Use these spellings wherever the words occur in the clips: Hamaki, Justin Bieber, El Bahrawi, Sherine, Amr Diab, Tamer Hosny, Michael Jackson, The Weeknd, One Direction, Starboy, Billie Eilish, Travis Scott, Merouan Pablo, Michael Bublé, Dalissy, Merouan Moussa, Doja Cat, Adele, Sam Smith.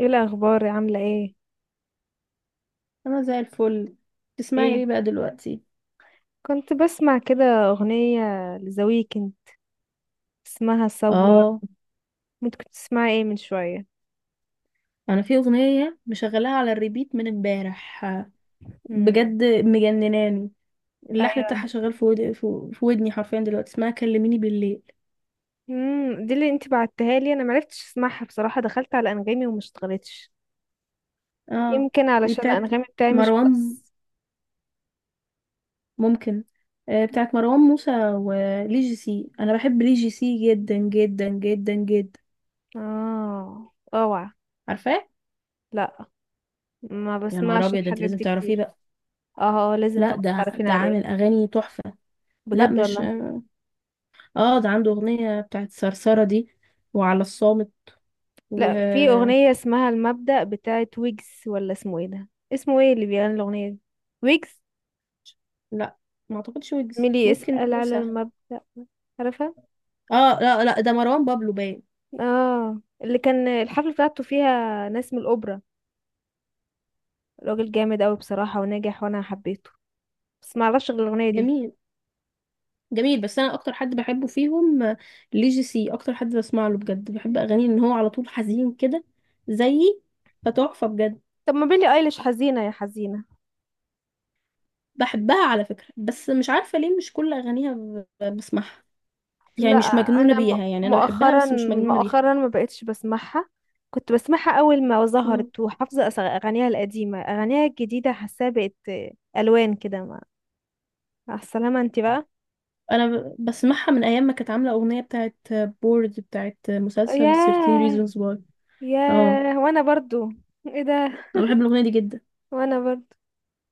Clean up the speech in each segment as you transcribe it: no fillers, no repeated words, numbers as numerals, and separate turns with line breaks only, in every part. ايه الاخبار عامله ايه؟
انا زي الفل. تسمعي ايه
ايه
بقى دلوقتي؟
كنت بسمع كده اغنيه لذا ويكند اسمها ساولا.
اه،
انت كنت تسمعي ايه من شويه؟
انا في اغنيه مشغلاها على الريبيت من امبارح،
امم
بجد مجنناني. اللحن بتاعها
ايوه.
شغال في في ودني حرفيا دلوقتي، اسمها كلميني بالليل.
دي اللي انت بعتها لي، انا معرفتش اسمعها بصراحه، دخلت على انغامي وما اشتغلتش،
اه،
يمكن
دي
علشان
بتاعت
انغامي بتاعي مش
مروان،
بس.
ممكن. آه، بتاعت مروان موسى ولي جي سي، انا بحب لي جي سي جدا جدا جدا جدا.
اه اوعى.
عارفاه؟
لا، ما
يا نهار
بسمعش
ابيض، ده انت
الحاجات
لازم
دي
تعرفيه
كتير.
بقى.
اه آه، لازم
لا،
تبقى
ده
تعرفين
ده
عليه.
عامل اغاني تحفه. لا
بجد
مش،
والله.
اه ده عنده اغنية بتاعت صرصرة دي، وعلى الصامت، و…
لا، في اغنيه اسمها المبدأ بتاعت ويجز، ولا اسمه ايه ده؟ اسمه ايه اللي بيغني الاغنيه دي؟ ويجز
لا ما اعتقدش ويجز،
ميلي
ممكن
اسأل على
موسى.
المبدأ. عارفة؟
اه لا لا، ده مروان بابلو باين.
اه، اللي كان الحفلة بتاعته فيها ناس من الأوبرا. راجل جامد أوي بصراحة وناجح وأنا حبيته، بس معرفش غير الأغنية دي.
جميل، جميل. بس انا اكتر حد بحبه فيهم، ليجي سي اكتر حد بسمع له بجد، بحب اغانيه ان هو على طول حزين كده، زيي. فتحفة بجد.
طب ما بيلي أيليش حزينة يا حزينة.
بحبها على فكرة، بس مش عارفة ليه مش كل اغانيها بسمعها. يعني
لا،
مش مجنونة
أنا
بيها، يعني انا بحبها
مؤخرا،
بس مش مجنونة
مؤخرا ما بقتش بسمعها. كنت بسمعها أول ما
بيها.
ظهرت، وحافظة أغانيها القديمة، أغانيها الجديدة حاساها بقت ألوان كده ما. مع السلامة انتي بقى.
انا بسمعها من ايام ما كانت عامله اغنيه بتاعت بورد، بتاعت مسلسل 13
ياه.
reasons why. اه،
ياه، وأنا برضو. ايه ده؟
انا بحب الاغنيه دي جدا.
وأنا برضو،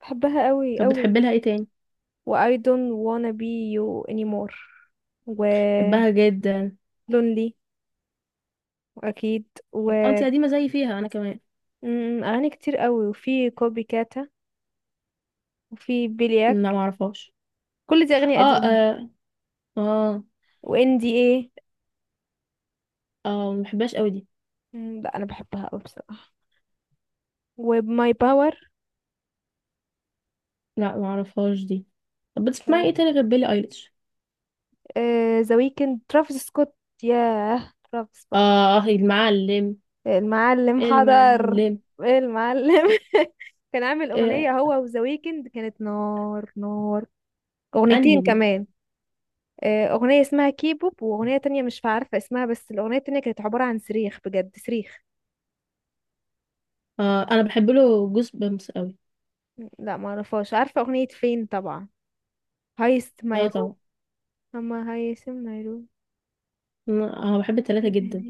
بحبها قوي
طب بتحب
قوي.
لها ايه تاني؟
و I don't wanna be you anymore، و
بحبها جدا.
lonely، واكيد، و
اه، انتي قديمه زي فيها انا كمان.
اغاني كتير قوي، وفي كوبي كاتا، وفي بيلياك،
لا، ما اعرفهاش.
كل دي اغاني
اه، اه.
قديمة.
اه
و NDA.
اه، ما بحبهاش قوي دي.
م، لا انا بحبها قوي بصراحة. و my power.
لا، ما اعرفهاش دي. طب بتسمعي ايه تاني غير بيلي ايليش؟
ذا ويكند، ترافيس سكوت. ياه، ترافيس
اه
بقى
آه، المعلم.
المعلم. حضر.
المعلم.
ايه المعلم كان عامل أغنية
آه.
هو وذا ويكند، كانت نار نار.
انهي
أغنيتين
دي؟
كمان آه، اغنيه اسمها كيبوب، واغنيه تانية مش عارفه اسمها، بس الاغنيه التانية كانت عباره عن صريخ، بجد صريخ.
اه، انا بحب له جوز بامس قوي.
لا، ما اعرفهاش. عارفه اغنيه فين طبعا، هايست
اه
مايروم.
طبعا.
اما هايست مايروم.
انا بحب التلاتة جدا،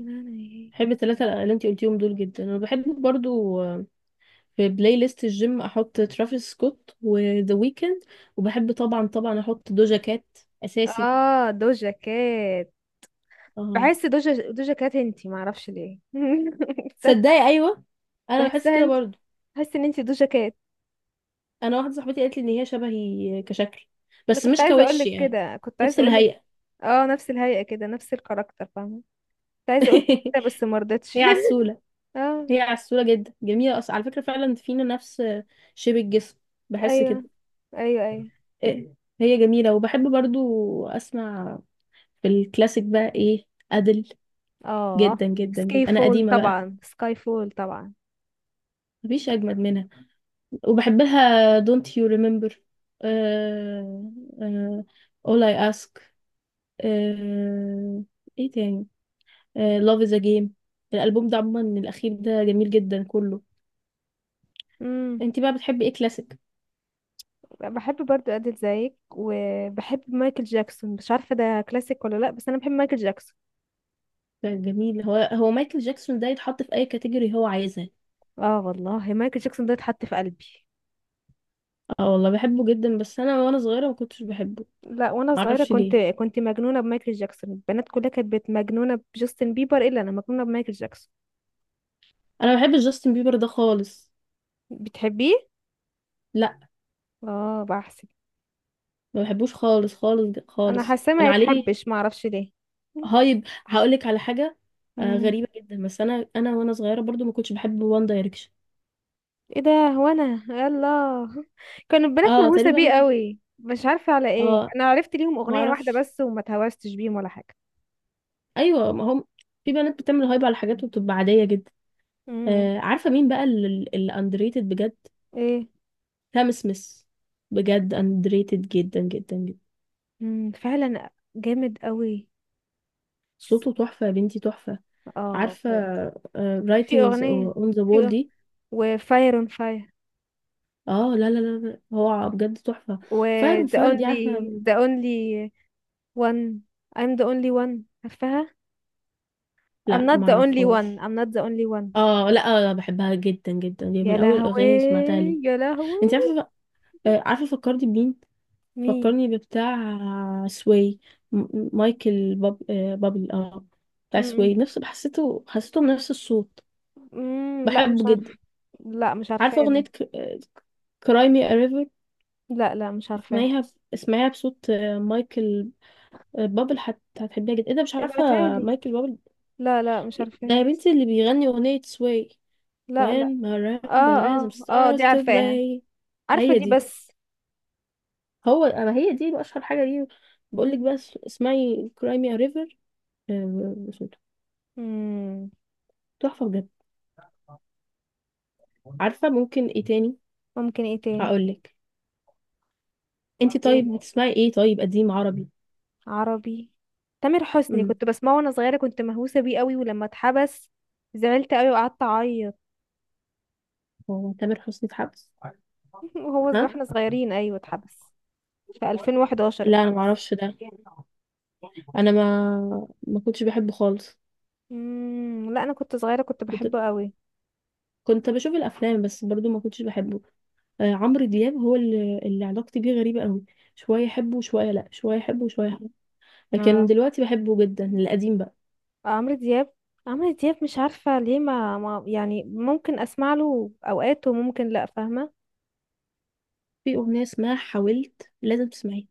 بحب الثلاثة اللي انتي قلتيهم دول جدا. انا بحب برضو، في بلاي ليست الجيم احط ترافيس سكوت وذا ويكند، وبحب طبعا طبعا احط دوجا كات اساسي.
اه، دوجا كات.
اه.
بحس دوجا كات انتي، ما اعرفش ليه صدمة.
صدقي ايوه، انا بحس
بحسها
كده
انتي،
برضو.
بحس ان انتي دوجا كات.
انا واحدة صاحبتي قالت لي ان هي شبهي كشكل،
انا
بس
كنت
مش
عايزه اقول
كوش
لك
يعني،
كده، كنت
نفس
عايزه اقول لك.
الهيئة.
اه نفس الهيئه كده، نفس الكاركتر، فاهمه؟ كنت عايزه اقول لك كده بس ما رضيتش
هي عسولة،
اه.
هي عسولة جدا، جميلة أصلا على فكرة. فعلا فينا نفس شبه الجسم، بحس
ايوه
كده.
ايوه ايوه.
إيه، هي جميلة. وبحب برضو أسمع في الكلاسيك بقى ايه، أدل،
اه
جدا جدا جدا،
سكاي
انا
فول
قديمة بقى.
طبعا، سكاي فول طبعا.
مفيش اجمد منها. وبحبها Don't You Remember، آه، آه، All I Ask، آه. ايه تاني؟ آه، Love is a Game. الالبوم ده عموما الاخير ده جميل جدا كله.
امم،
انت بقى بتحبي ايه كلاسيك؟
بحب برضو ادل زيك، وبحب مايكل جاكسون، مش عارفه ده كلاسيك ولا لا، بس انا بحب مايكل جاكسون.
جميل، هو هو مايكل جاكسون ده يتحط في اي كاتيجوري هو عايزها.
اه والله، مايكل جاكسون ده اتحط في قلبي.
اه والله بحبه جدا، بس انا وانا صغيره ما كنتش بحبه،
لا، وانا صغيره
معرفش
كنت
ليه.
كنت مجنونه بمايكل جاكسون، البنات كلها كانت مجنونه بجاستن بيبر، الا انا مجنونه بمايكل جاكسون.
انا ما بحبش جاستن بيبر ده خالص.
بتحبيه؟
لا،
اه، بحسب.
ما بحبوش خالص خالص
انا
خالص،
حاسه
كان
ما
عليه
يتحبش، ما اعرفش ليه.
هايب. هقولك على حاجة، آه
مم.
غريبة جدا، بس انا وانا صغيرة برضو ما كنتش بحب وان دايركشن.
ايه ده؟ هو انا يلا كان البنات
اه،
مهووسه بيه
تقريبا.
قوي، مش عارفه على ايه،
اه،
انا عرفت ليهم
ما
اغنيه واحده
اعرفش.
بس وما اتهوستش بيهم ولا حاجه.
ايوه، ما هم في بنات بتعمل هايب على حاجات وبتبقى عادية جدا.
امم.
آه، عارفة مين بقى اللي اندريتد بجد؟
ايه؟
سام سميث، بجد اندريتد جدا جدا جدا.
امم، فعلا. جامد قوي.
صوته تحفة يا بنتي، تحفة.
اه
عارفة
بجد. في
رايتنجز
اغنيه،
اون ذا وول
في أغ-
دي؟
وفاير اون فاير،
اه لا لا لا لا، هو بجد تحفة.
و
فاير
the
وفاير دي
only
عارفة؟
one. I'm the only one، عارفاها؟ I'm
لا
not the only one،
معرفهاش.
I'm not the only one.
اه لا، بحبها جدا جدا، دي
يا
من اول
لهوي،
الاغاني اللي سمعتها لي.
يا لهوي.
انت عارفه، عارفه فكرني بمين؟
مين؟
فكرني بتاع سوي، مايكل بابل. اه، بتاع
امم.
سوي، نفس حسيته، حسيته نفس الصوت.
أمم، لا
بحبه
مش
جدا.
عارفه. لا مش عارفاه
عارفه
ده.
اغنيه كراي مي ريفر؟
لا لا، مش عارفاها.
اسمعيها، اسمعيها بصوت مايكل بابل، هتحبيها جدا. ايه ده مش عارفه؟
ابعتها لي.
مايكل بابل،
لا لا، مش
ده يا
عارفاها.
بنتي اللي بيغني اغنيه سوي،
لا لا.
When
اه
Marimba
اه اه، دي
stars to
عارفاها.
play.
عارفة
هي
دي
دي،
بس.
هو اما هي دي اشهر حاجه ليه. بقول لك بس اسمعي كرايمي ريفر،
مم.
تحفه بجد. عارفه ممكن ايه تاني؟
ممكن ايه تاني؟
هقول لك. انت
ايه
طيب بتسمعي ايه طيب قديم عربي؟
عربي؟ تامر حسني
امم.
كنت بسمعه وانا صغيرة، كنت مهووسة بيه قوي، ولما اتحبس زعلت قوي وقعدت اعيط
هو تامر حسني في حبس؟
وهو
ها؟
واحنا صغيرين، ايوه اتحبس. في 2011
لا، انا ما
اتحبس.
اعرفش ده، انا ما كنتش بحبه خالص.
مم. لا انا كنت صغيرة كنت
كنت
بحبه قوي.
كنت بشوف الافلام، بس برضو ما كنتش بحبه. آه، عمرو دياب هو اللي علاقتي بيه غريبه قوي، شويه احبه وشويه لا، شويه احبه وشويه،
اه،
لكن دلوقتي بحبه جدا، القديم بقى.
عمرو دياب. عمرو دياب مش عارفة ليه، ما يعني ممكن أسمع له أوقات وممكن لأ، فاهمة؟
في أغنية اسمها حاولت لازم تسمعيها،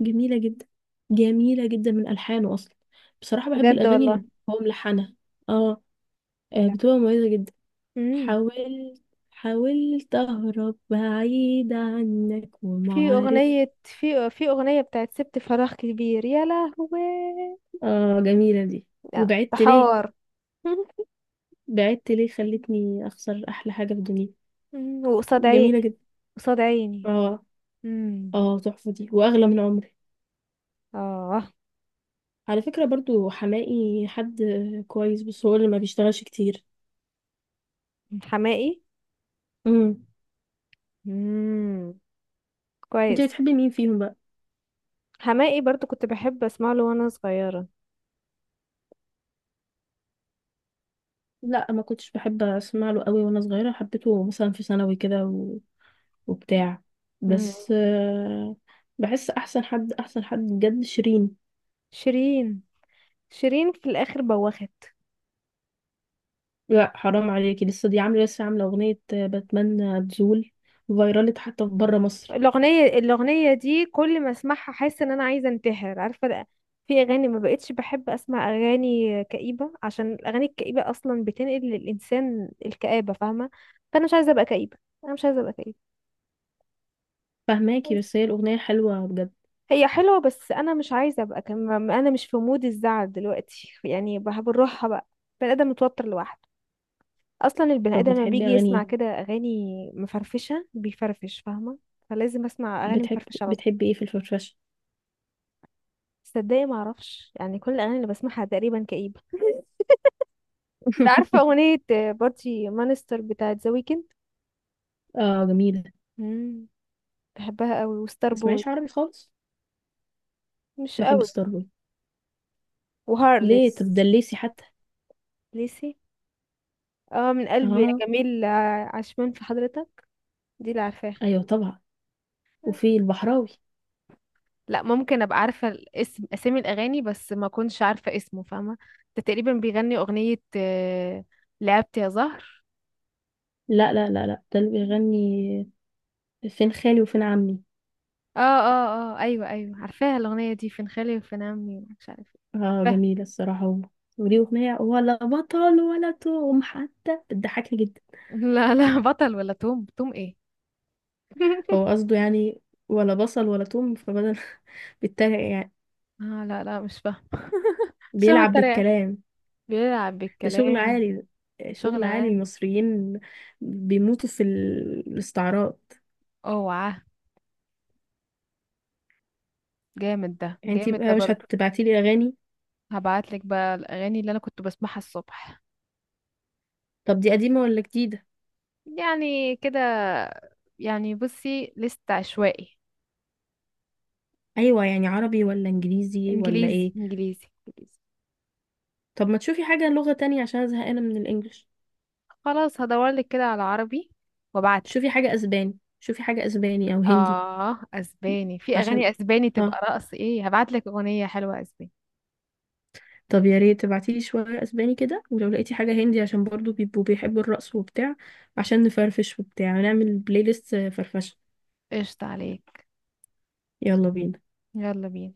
جميلة جدا، جميلة جدا من ألحانه أصلا. بصراحة بحب
بجد
الأغاني
والله.
اللي هو ملحنها، اه،
يا لهوي.
بتبقى مميزة جدا.
امم.
حاولت، حاولت أهرب بعيد عنك وما
في
عرفت.
أغنية في في أغنية بتاعت سبت فراغ كبير. يا لهوي.
اه، جميلة دي.
لا، ده
وبعدت ليه،
حوار
بعدت ليه خلتني أخسر أحلى حاجة في الدنيا.
مم. وقصاد عيني،
جميلة جدا.
قصاد عيني.
اه
امم.
اه، تحفة دي، وأغلى من عمري.
اه.
على فكرة برضو حماقي حد كويس، بس هو اللي ما بيشتغلش كتير.
حماقي.
امم.
امم.
انت
كويس.
بتحبي مين فيهم بقى؟
حماقي برضو كنت بحب أسمع له وأنا صغيرة.
لا، ما كنتش بحب اسمع له قوي وانا صغيرة، حبيته مثلا في ثانوي كده وبتاع،
مم.
بس بحس احسن حد، احسن حد بجد شيرين.
شيرين. شيرين في الآخر بوخت.
لا حرام عليكي، لسه دي عامله، لسه عامله اغنيه بتمنى تزول، فايرالت حتى في بره مصر.
الأغنية الأغنية دي كل ما أسمعها أحس إن أنا عايزة أنتحر، عارفة لأ. في أغاني ما بقتش بحب أسمع أغاني كئيبة، عشان الأغاني الكئيبة أصلا بتنقل للإنسان الكآبة، فاهمة؟ فأنا مش عايزة أبقى كئيبة، أنا مش عايزة أبقى كئيبة.
فهماكي، بس هي الاغنيه حلوه بجد.
هي حلوة بس أنا مش عايزة أبقى أنا مش في مود الزعل دلوقتي، يعني بنروحها بقى. البني آدم متوتر لوحده أصلا، البني
طب
آدم لما
بتحبي
بيجي
اغاني
يسمع
ايه؟
كده أغاني مفرفشة بيفرفش، فاهمة؟ فلازم أسمع أغاني
بتحب،
مفرفشة على طول.
بتحبي ايه في الفرفشه؟
تصدقي ما اعرفش، يعني كل الاغاني اللي بسمعها تقريبا كئيبه. انت عارفه اغنيه بارتي مانستر بتاعت ذا ويكند؟
اه جميله.
امم، بحبها قوي. وستار بوي.
تسمعيش عربي خالص.
مش
بحب
قوي.
ستار بوي. ليه طب
وهارلس.
دليسي حتى.
ليسي. اه، من قلبي
اه.
يا جميل، عشمان في حضرتك. دي اللي عارفاها.
ايوه طبعا. وفي البحراوي.
لا، ممكن ابقى عارفه الاسم، اسامي الاغاني بس ما كنتش عارفه اسمه، فاهمه؟ ده تقريبا بيغني اغنيه آه، لعبت يا زهر.
لا لا لا لا، ده اللي بيغني فين خالي وفين عمي.
اه اه اه ايوه ايوه عارفاها الاغنيه دي، فين خالي وفين عمي، مش عارفه إيه.
اه
عارفاها.
جميلة الصراحة هو. وليه أغنية ولا بطل ولا توم حتى بتضحكني جدا.
لا لا، بطل ولا توم، توم ايه
هو قصده يعني ولا بصل ولا توم فبدل، بيتريق يعني،
آه لا لا، مش فاهم. شغل
بيلعب
الطريقة،
بالكلام.
بيلعب
ده شغل
بالكلام.
عالي ده،
شغل
شغل عالي
عام.
المصريين، بيموتوا في الاستعراض.
اوعى، جامد ده،
يعني انتي
جامد ده
بقى مش
برضو.
هتبعتيلي أغاني؟
هبعتلك بقى الأغاني اللي أنا كنت بسمعها الصبح.
طب دي قديمة ولا جديدة؟
يعني كده، يعني بصي لست عشوائي.
ايوه، يعني عربي ولا انجليزي ولا
إنجليزي
ايه؟
إنجليزي إنجليزي.
طب ما تشوفي حاجة لغة تانية، عشان أنا زهقانة من الانجليش.
خلاص هدورلك كده على عربي وابعتلك.
شوفي حاجة اسباني، شوفي حاجة اسباني او هندي
آه أسباني، في
عشان،
أغاني أسباني تبقى
اه،
رقص إيه، هبعتلك أغنية حلوة أسباني.
طب يا ريت تبعتيلي شوية اسباني كده، ولو لقيتي حاجة هندي عشان برضو بيبقوا بيحبوا الرقص وبتاع، عشان نفرفش وبتاع ونعمل بلاي ليست فرفشة.
قشطة عليك.
يلا بينا.
يلا بينا.